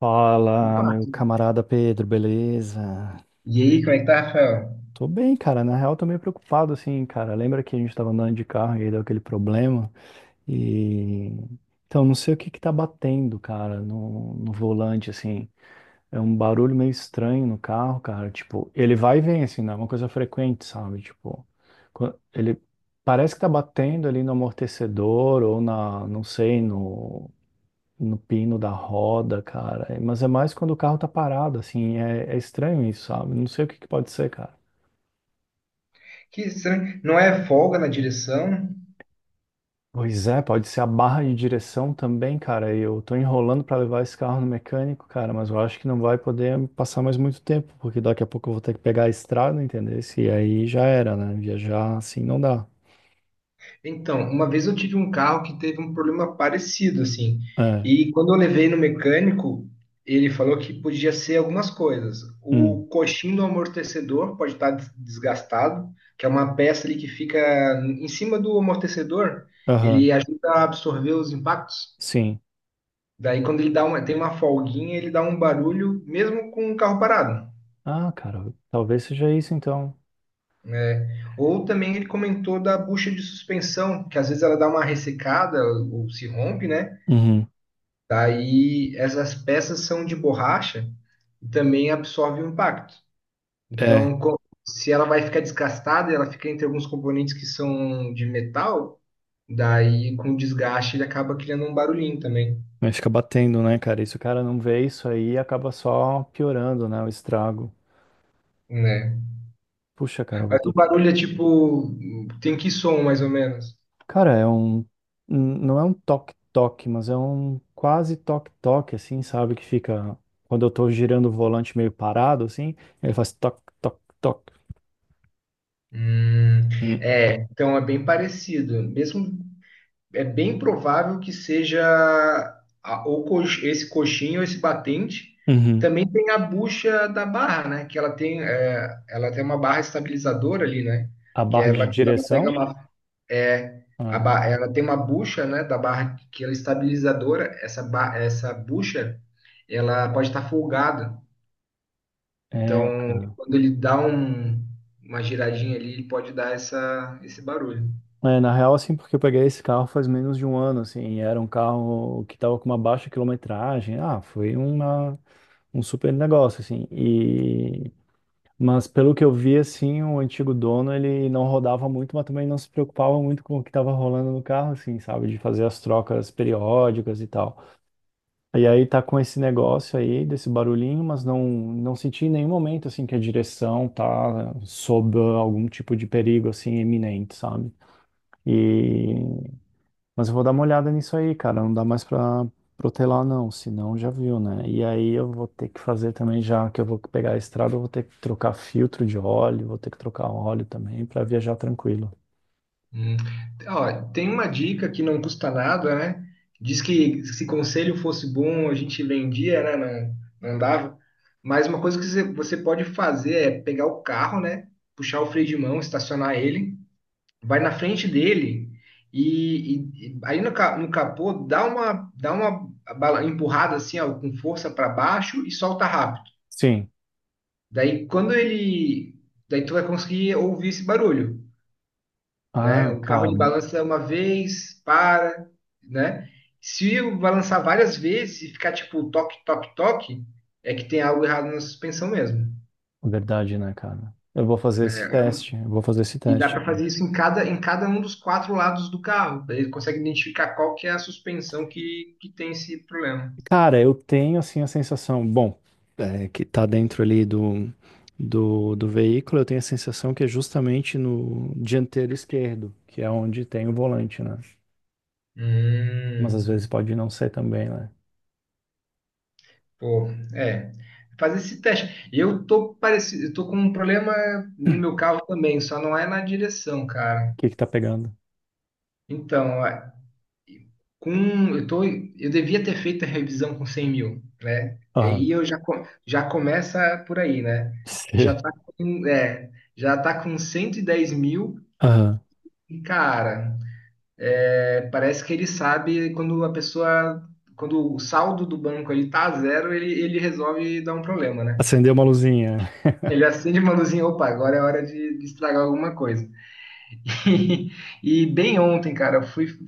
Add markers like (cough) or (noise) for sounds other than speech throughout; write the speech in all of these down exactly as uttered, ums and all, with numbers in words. Fala, Opa! meu camarada Pedro, beleza? E aí, como é que tá, Rafael? Tô bem, cara. Na real, tô meio preocupado, assim, cara. Lembra que a gente tava andando de carro e aí deu aquele problema? E. Então, não sei o que que tá batendo, cara, no, no volante, assim. É um barulho meio estranho no carro, cara. Tipo, ele vai e vem, assim, não é uma coisa frequente, sabe? Tipo, quan- ele parece que tá batendo ali no amortecedor ou na, não sei, no no pino da roda, cara. É, mas é mais quando o carro tá parado, assim. É, é estranho isso, sabe? Não sei o que que pode ser, cara. Que estranho. Não é folga na direção? Pois é, pode ser a barra de direção também, cara. Eu tô enrolando pra levar esse carro no mecânico, cara, mas eu acho que não vai poder passar mais muito tempo, porque daqui a pouco eu vou ter que pegar a estrada, entendeu? E aí já era, né? Viajar assim não dá. Então, uma vez eu tive um carro que teve um problema parecido, assim. É. E quando eu levei no mecânico, ele falou que podia ser algumas coisas. Hum. O coxim do amortecedor pode estar des- desgastado, que é uma peça ali que fica em cima do amortecedor. Aham. Ele ajuda a absorver os impactos. Sim. Daí, quando ele dá uma, tem uma folguinha, ele dá um barulho, mesmo com o carro parado. Ah, cara, talvez seja isso então. É. Ou também ele comentou da bucha de suspensão, que às vezes ela dá uma ressecada ou se rompe, né? Uhum. Daí essas peças são de borracha e também absorve o impacto. É. Então, co- se ela vai ficar desgastada, ela fica entre alguns componentes que são de metal, daí com o desgaste ele acaba criando um barulhinho também, Mas fica batendo, né, cara? E se o cara não vê isso aí, acaba só piorando, né, o estrago. né? Puxa, cara, eu vou Mas ter o que. barulho é tipo, tem que som mais ou menos? Cara, é um. n- Não é um toque-toque, mas é um quase toque-toque, assim, sabe? Que fica. Quando eu tô girando o volante meio parado, assim, ele faz toque-toque-toque. Hum, Hum. É, então é bem parecido. Mesmo é bem provável que seja a- ou cox- esse coxinho, esse batente. Uhum. Também tem a bucha da barra, né? Que ela tem, é, Ela tem uma barra estabilizadora ali, né? A Que é barra de ela, quando ela pega direção? uma, é, a Ah, ba- ela tem uma bucha, né? Da barra que ela é estabilizadora. Essa, ba- essa bucha, ela pode estar folgada. é, Então, cara. quando ele dá um- uma giradinha ali, ele pode dar essa, esse barulho. É, na real, assim, porque eu peguei esse carro faz menos de um ano, assim, e era um carro que tava com uma baixa quilometragem. Ah, foi uma. Um super negócio, assim. E... Mas pelo que eu vi, assim, o antigo dono, ele não rodava muito, mas também não se preocupava muito com o que estava rolando no carro, assim, sabe? De fazer as trocas periódicas e tal. E aí tá com esse negócio aí, desse barulhinho, mas não, não senti em nenhum momento, assim, que a direção tá sob algum tipo de perigo, assim, iminente, sabe? E mas eu vou dar uma olhada nisso aí, cara. Não dá mais pra protelar, não. Senão já viu, né? E aí eu vou ter que fazer também, já que eu vou pegar a estrada, eu vou ter que trocar filtro de óleo, vou ter que trocar óleo também pra viajar tranquilo. Hum. Ó, tem uma dica que não custa nada, né? Diz que se conselho fosse bom, a gente vendia, né? Não, não dava. Mas uma coisa que você você pode fazer é pegar o carro, né? Puxar o freio de mão, estacionar ele, vai na frente dele e, e- e aí no, ca- no capô dá uma, dá uma bala- empurrada assim, ó, com força para baixo e solta rápido. Sim. Daí quando ele, daí tu vai conseguir ouvir esse barulho, né? Ah, O carro cara, ele balança uma vez, para, né? Se eu balançar várias vezes e ficar tipo toque, toque, toque, é que tem algo errado na suspensão mesmo, verdade, né, cara? Eu vou fazer esse né? É um- teste. Eu vou fazer esse E dá teste. para Então. fazer isso em cada, em cada um dos quatro lados do carro. Daí ele consegue identificar qual que é a suspensão que, que tem esse problema. Cara, eu tenho assim a sensação, bom, é, que tá dentro ali do, do, do veículo, eu tenho a sensação que é justamente no dianteiro esquerdo, que é onde tem o volante, né? Mas às vezes Hum, pode não ser também, né? pô, é. Fazer esse teste. Eu tô parecido, eu tô com um problema no meu carro também, só não é na direção, cara. O que que tá pegando? Então, com eu tô eu devia ter feito a revisão com cem mil, né? E Aham. aí eu já co- já começa por aí, né? (laughs) E já Sei. tá com, é, já tá com cento e dez mil. Aham. E, cara, é, parece que ele sabe quando a pessoa quando o saldo do banco ele tá a zero, ele ele resolve dar um problema, né? Acendeu uma luzinha. Ele acende uma luzinha. Opa, agora é hora de, de estragar alguma coisa. (laughs) E bem ontem, cara, eu fui, fui,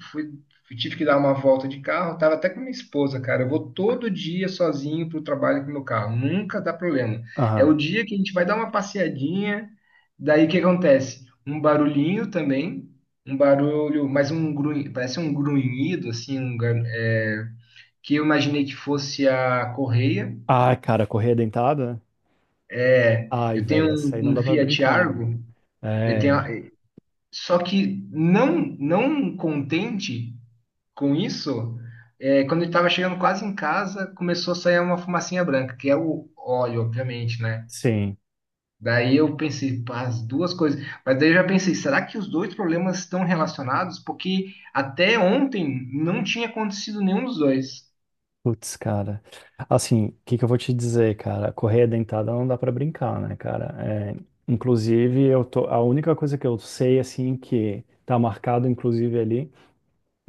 fui- tive que dar uma volta de carro, tava até com minha esposa, cara. Eu vou todo dia sozinho pro trabalho com meu carro, nunca dá problema. É o Aham. dia que a gente vai dar uma passeadinha, daí o que acontece? Um barulhinho também, um barulho, mas um grunhido, parece um grunhido, assim, um gar- é, que eu imaginei que fosse a correia. Ah, cara, correia dentada? É, Ai, eu tenho velho, essa aí não um, um dá pra Fiat brincar, né? Argo, ele tem a- É, só que não não contente com isso, é, quando ele tava chegando quase em casa, começou a sair uma fumacinha branca, que é o óleo, obviamente, né? sim. Daí eu pensei, pá, as duas coisas. Mas daí eu já pensei, será que os dois problemas estão relacionados? Porque até ontem não tinha acontecido nenhum dos dois. Putz, cara. Assim, o que que eu vou te dizer, cara? Correia dentada não dá pra brincar, né, cara? É, inclusive, eu tô, a única coisa que eu sei, assim, que tá marcado, inclusive, ali,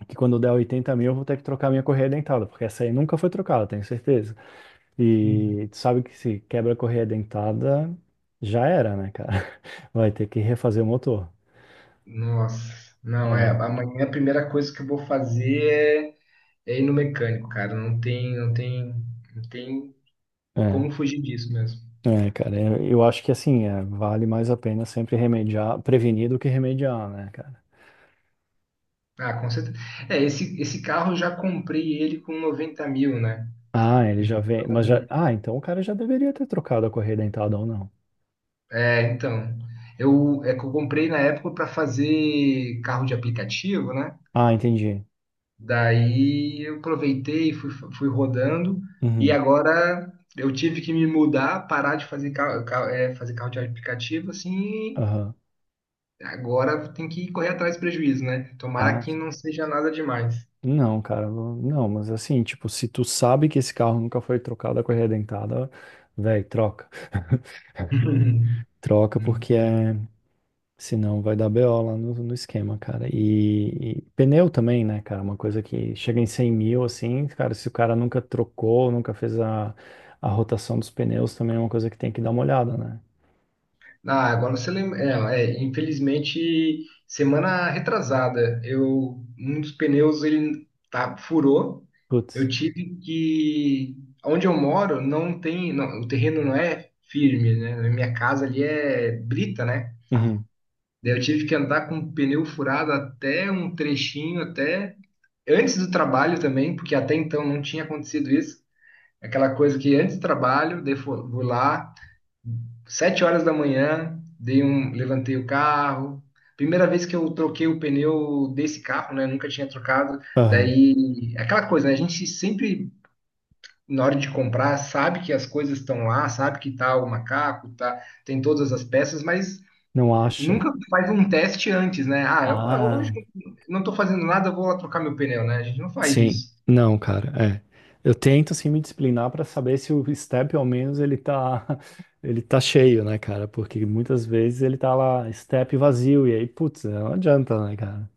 é que quando der 80 mil eu vou ter que trocar minha correia dentada, porque essa aí nunca foi trocada, tenho certeza. Uhum. E tu sabe que se quebra a correia dentada, já era, né, cara? (laughs) Vai ter que refazer o motor. Nossa, não é? É, Amanhã a primeira coisa que eu vou fazer é, é ir no mecânico, cara. Não tem, não tem, não tem é, como fugir disso mesmo. é, cara. Eu eu acho que assim, é, vale mais a pena sempre remediar, prevenir do que remediar, né, cara? Ah, com certeza. É, esse, esse carro eu já comprei ele com noventa mil, né? Ah, ele já vem, mas já. Então, Ah, então o cara já deveria ter trocado a correia dentada ou não. É, então. Eu, é que eu comprei na época para fazer carro de aplicativo, né? Ah, entendi. Daí eu aproveitei, fui, fui rodando, e Uhum, agora eu tive que me mudar, parar de fazer carro, carro, é, fazer carro de aplicativo, assim. aham. Agora tem que correr atrás do prejuízo, né? Tomara Ah, que não seja nada demais. não, cara, não, não, mas assim, tipo, se tu sabe que esse carro nunca foi trocado a correia dentada, velho, troca. (laughs) Troca Muito porque é. Senão vai dar B O lá no, no esquema, cara. E, e pneu também, né, cara? Uma coisa que chega em cem mil, assim, cara, se o cara nunca trocou, nunca fez a, a rotação dos pneus, também é uma coisa que tem que dar uma olhada, né? Ah, agora você lembra. É, é, infelizmente, semana retrasada, eu um dos pneus ele tá, furou. Eu Putz. tive que. Onde eu moro não tem. Não, o terreno não é firme, né? Minha casa ali é brita, né? Uhum. Daí eu tive que andar com o pneu furado até um trechinho, até antes do trabalho também, porque até então não tinha acontecido isso. Aquela coisa que antes do trabalho, daí fu- vou lá. Sete horas da manhã, dei um, levantei o carro. Primeira vez que eu troquei o pneu desse carro, né? Nunca tinha trocado. Aham. Daí, aquela coisa, né? A gente sempre, na hora de comprar, sabe que as coisas estão lá, sabe que tá o macaco, tá, tem todas as peças, mas Não acha? nunca faz um teste antes, né? Ah, eu- Ah, hoje não tô fazendo nada, eu vou lá trocar meu pneu, né? A gente não faz sim. isso. Não, cara, é. Eu tento, assim, me disciplinar para saber se o step, ao menos, ele tá, (laughs) ele tá cheio, né, cara? Porque muitas vezes ele tá lá, step vazio, e aí, putz, não adianta, né, cara?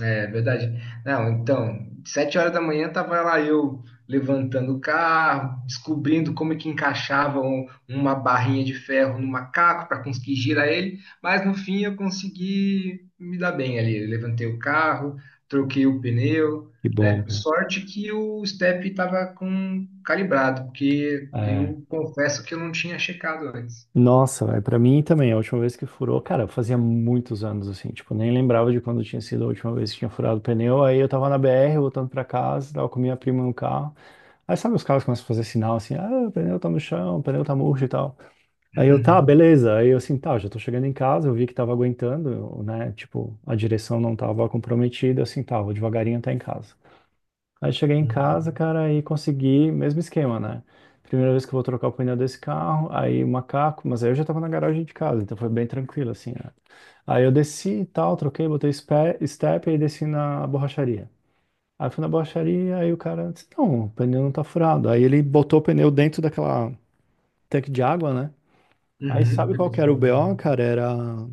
É verdade. Não, então, sete horas da manhã tava lá eu levantando o carro, descobrindo como é que encaixava um- uma barrinha de ferro no macaco para conseguir girar ele, mas no fim eu consegui me dar bem ali. Eu levantei o carro, troquei o pneu, Que bom, né? cara. Sorte que o step estava com calibrado, porque É. eu confesso que eu não tinha checado antes. Nossa, velho, pra mim também, a última vez que furou, cara, fazia muitos anos assim, tipo, nem lembrava de quando tinha sido a última vez que tinha furado o pneu. Aí eu tava na B R voltando pra casa, tava com minha prima no carro. Aí sabe, os carros começam a fazer sinal assim: ah, o pneu tá no chão, o pneu tá murcho e tal. Aí eu, tá, (laughs) beleza. Aí eu assim, tá, já tô chegando em casa, eu vi que tava aguentando, eu, né? Tipo, a direção não tava comprometida, assim, tá, vou devagarinho até em casa. Aí cheguei em Uhum, casa, cara, e consegui, mesmo esquema, né? Primeira vez que eu vou trocar o pneu desse carro, aí o macaco, mas aí eu já tava na garagem de casa, então foi bem tranquilo, assim, né? Aí eu desci e tal, troquei, botei spe- step, e aí desci na borracharia. Aí fui na borracharia, aí o cara disse, não, o pneu não tá furado. Aí ele botou o pneu dentro daquela tanque de água, né? Aí uhum, sabe pra qual que identificar era o o- B O, cara? Era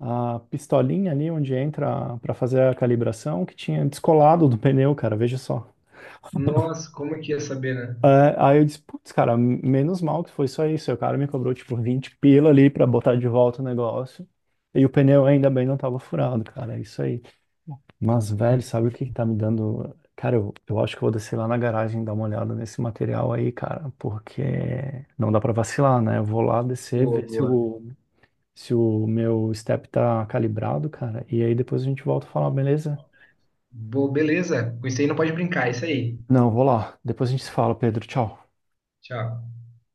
a pistolinha ali onde entra pra fazer a calibração, que tinha descolado do pneu, cara, veja só. Nossa, como é que ia saber, né? É, aí eu disse, putz, cara, menos mal que foi só isso. Aí o cara me cobrou, tipo, vinte pila ali pra botar de volta o negócio. E o pneu ainda bem não tava furado, cara. É isso aí. Mas, velho, sabe o que que tá me dando? Cara, eu, eu acho que eu vou descer lá na garagem e dar uma olhada nesse material aí, cara, porque não dá pra vacilar, né? Eu vou lá descer, Boa, ver se boa. o, se o meu step tá calibrado, cara. E aí depois a gente volta a falar, beleza? Boa, beleza. Com isso aí não pode brincar, é isso aí. Não, eu vou lá. Depois a gente se fala, Pedro. Tchau. Tchau.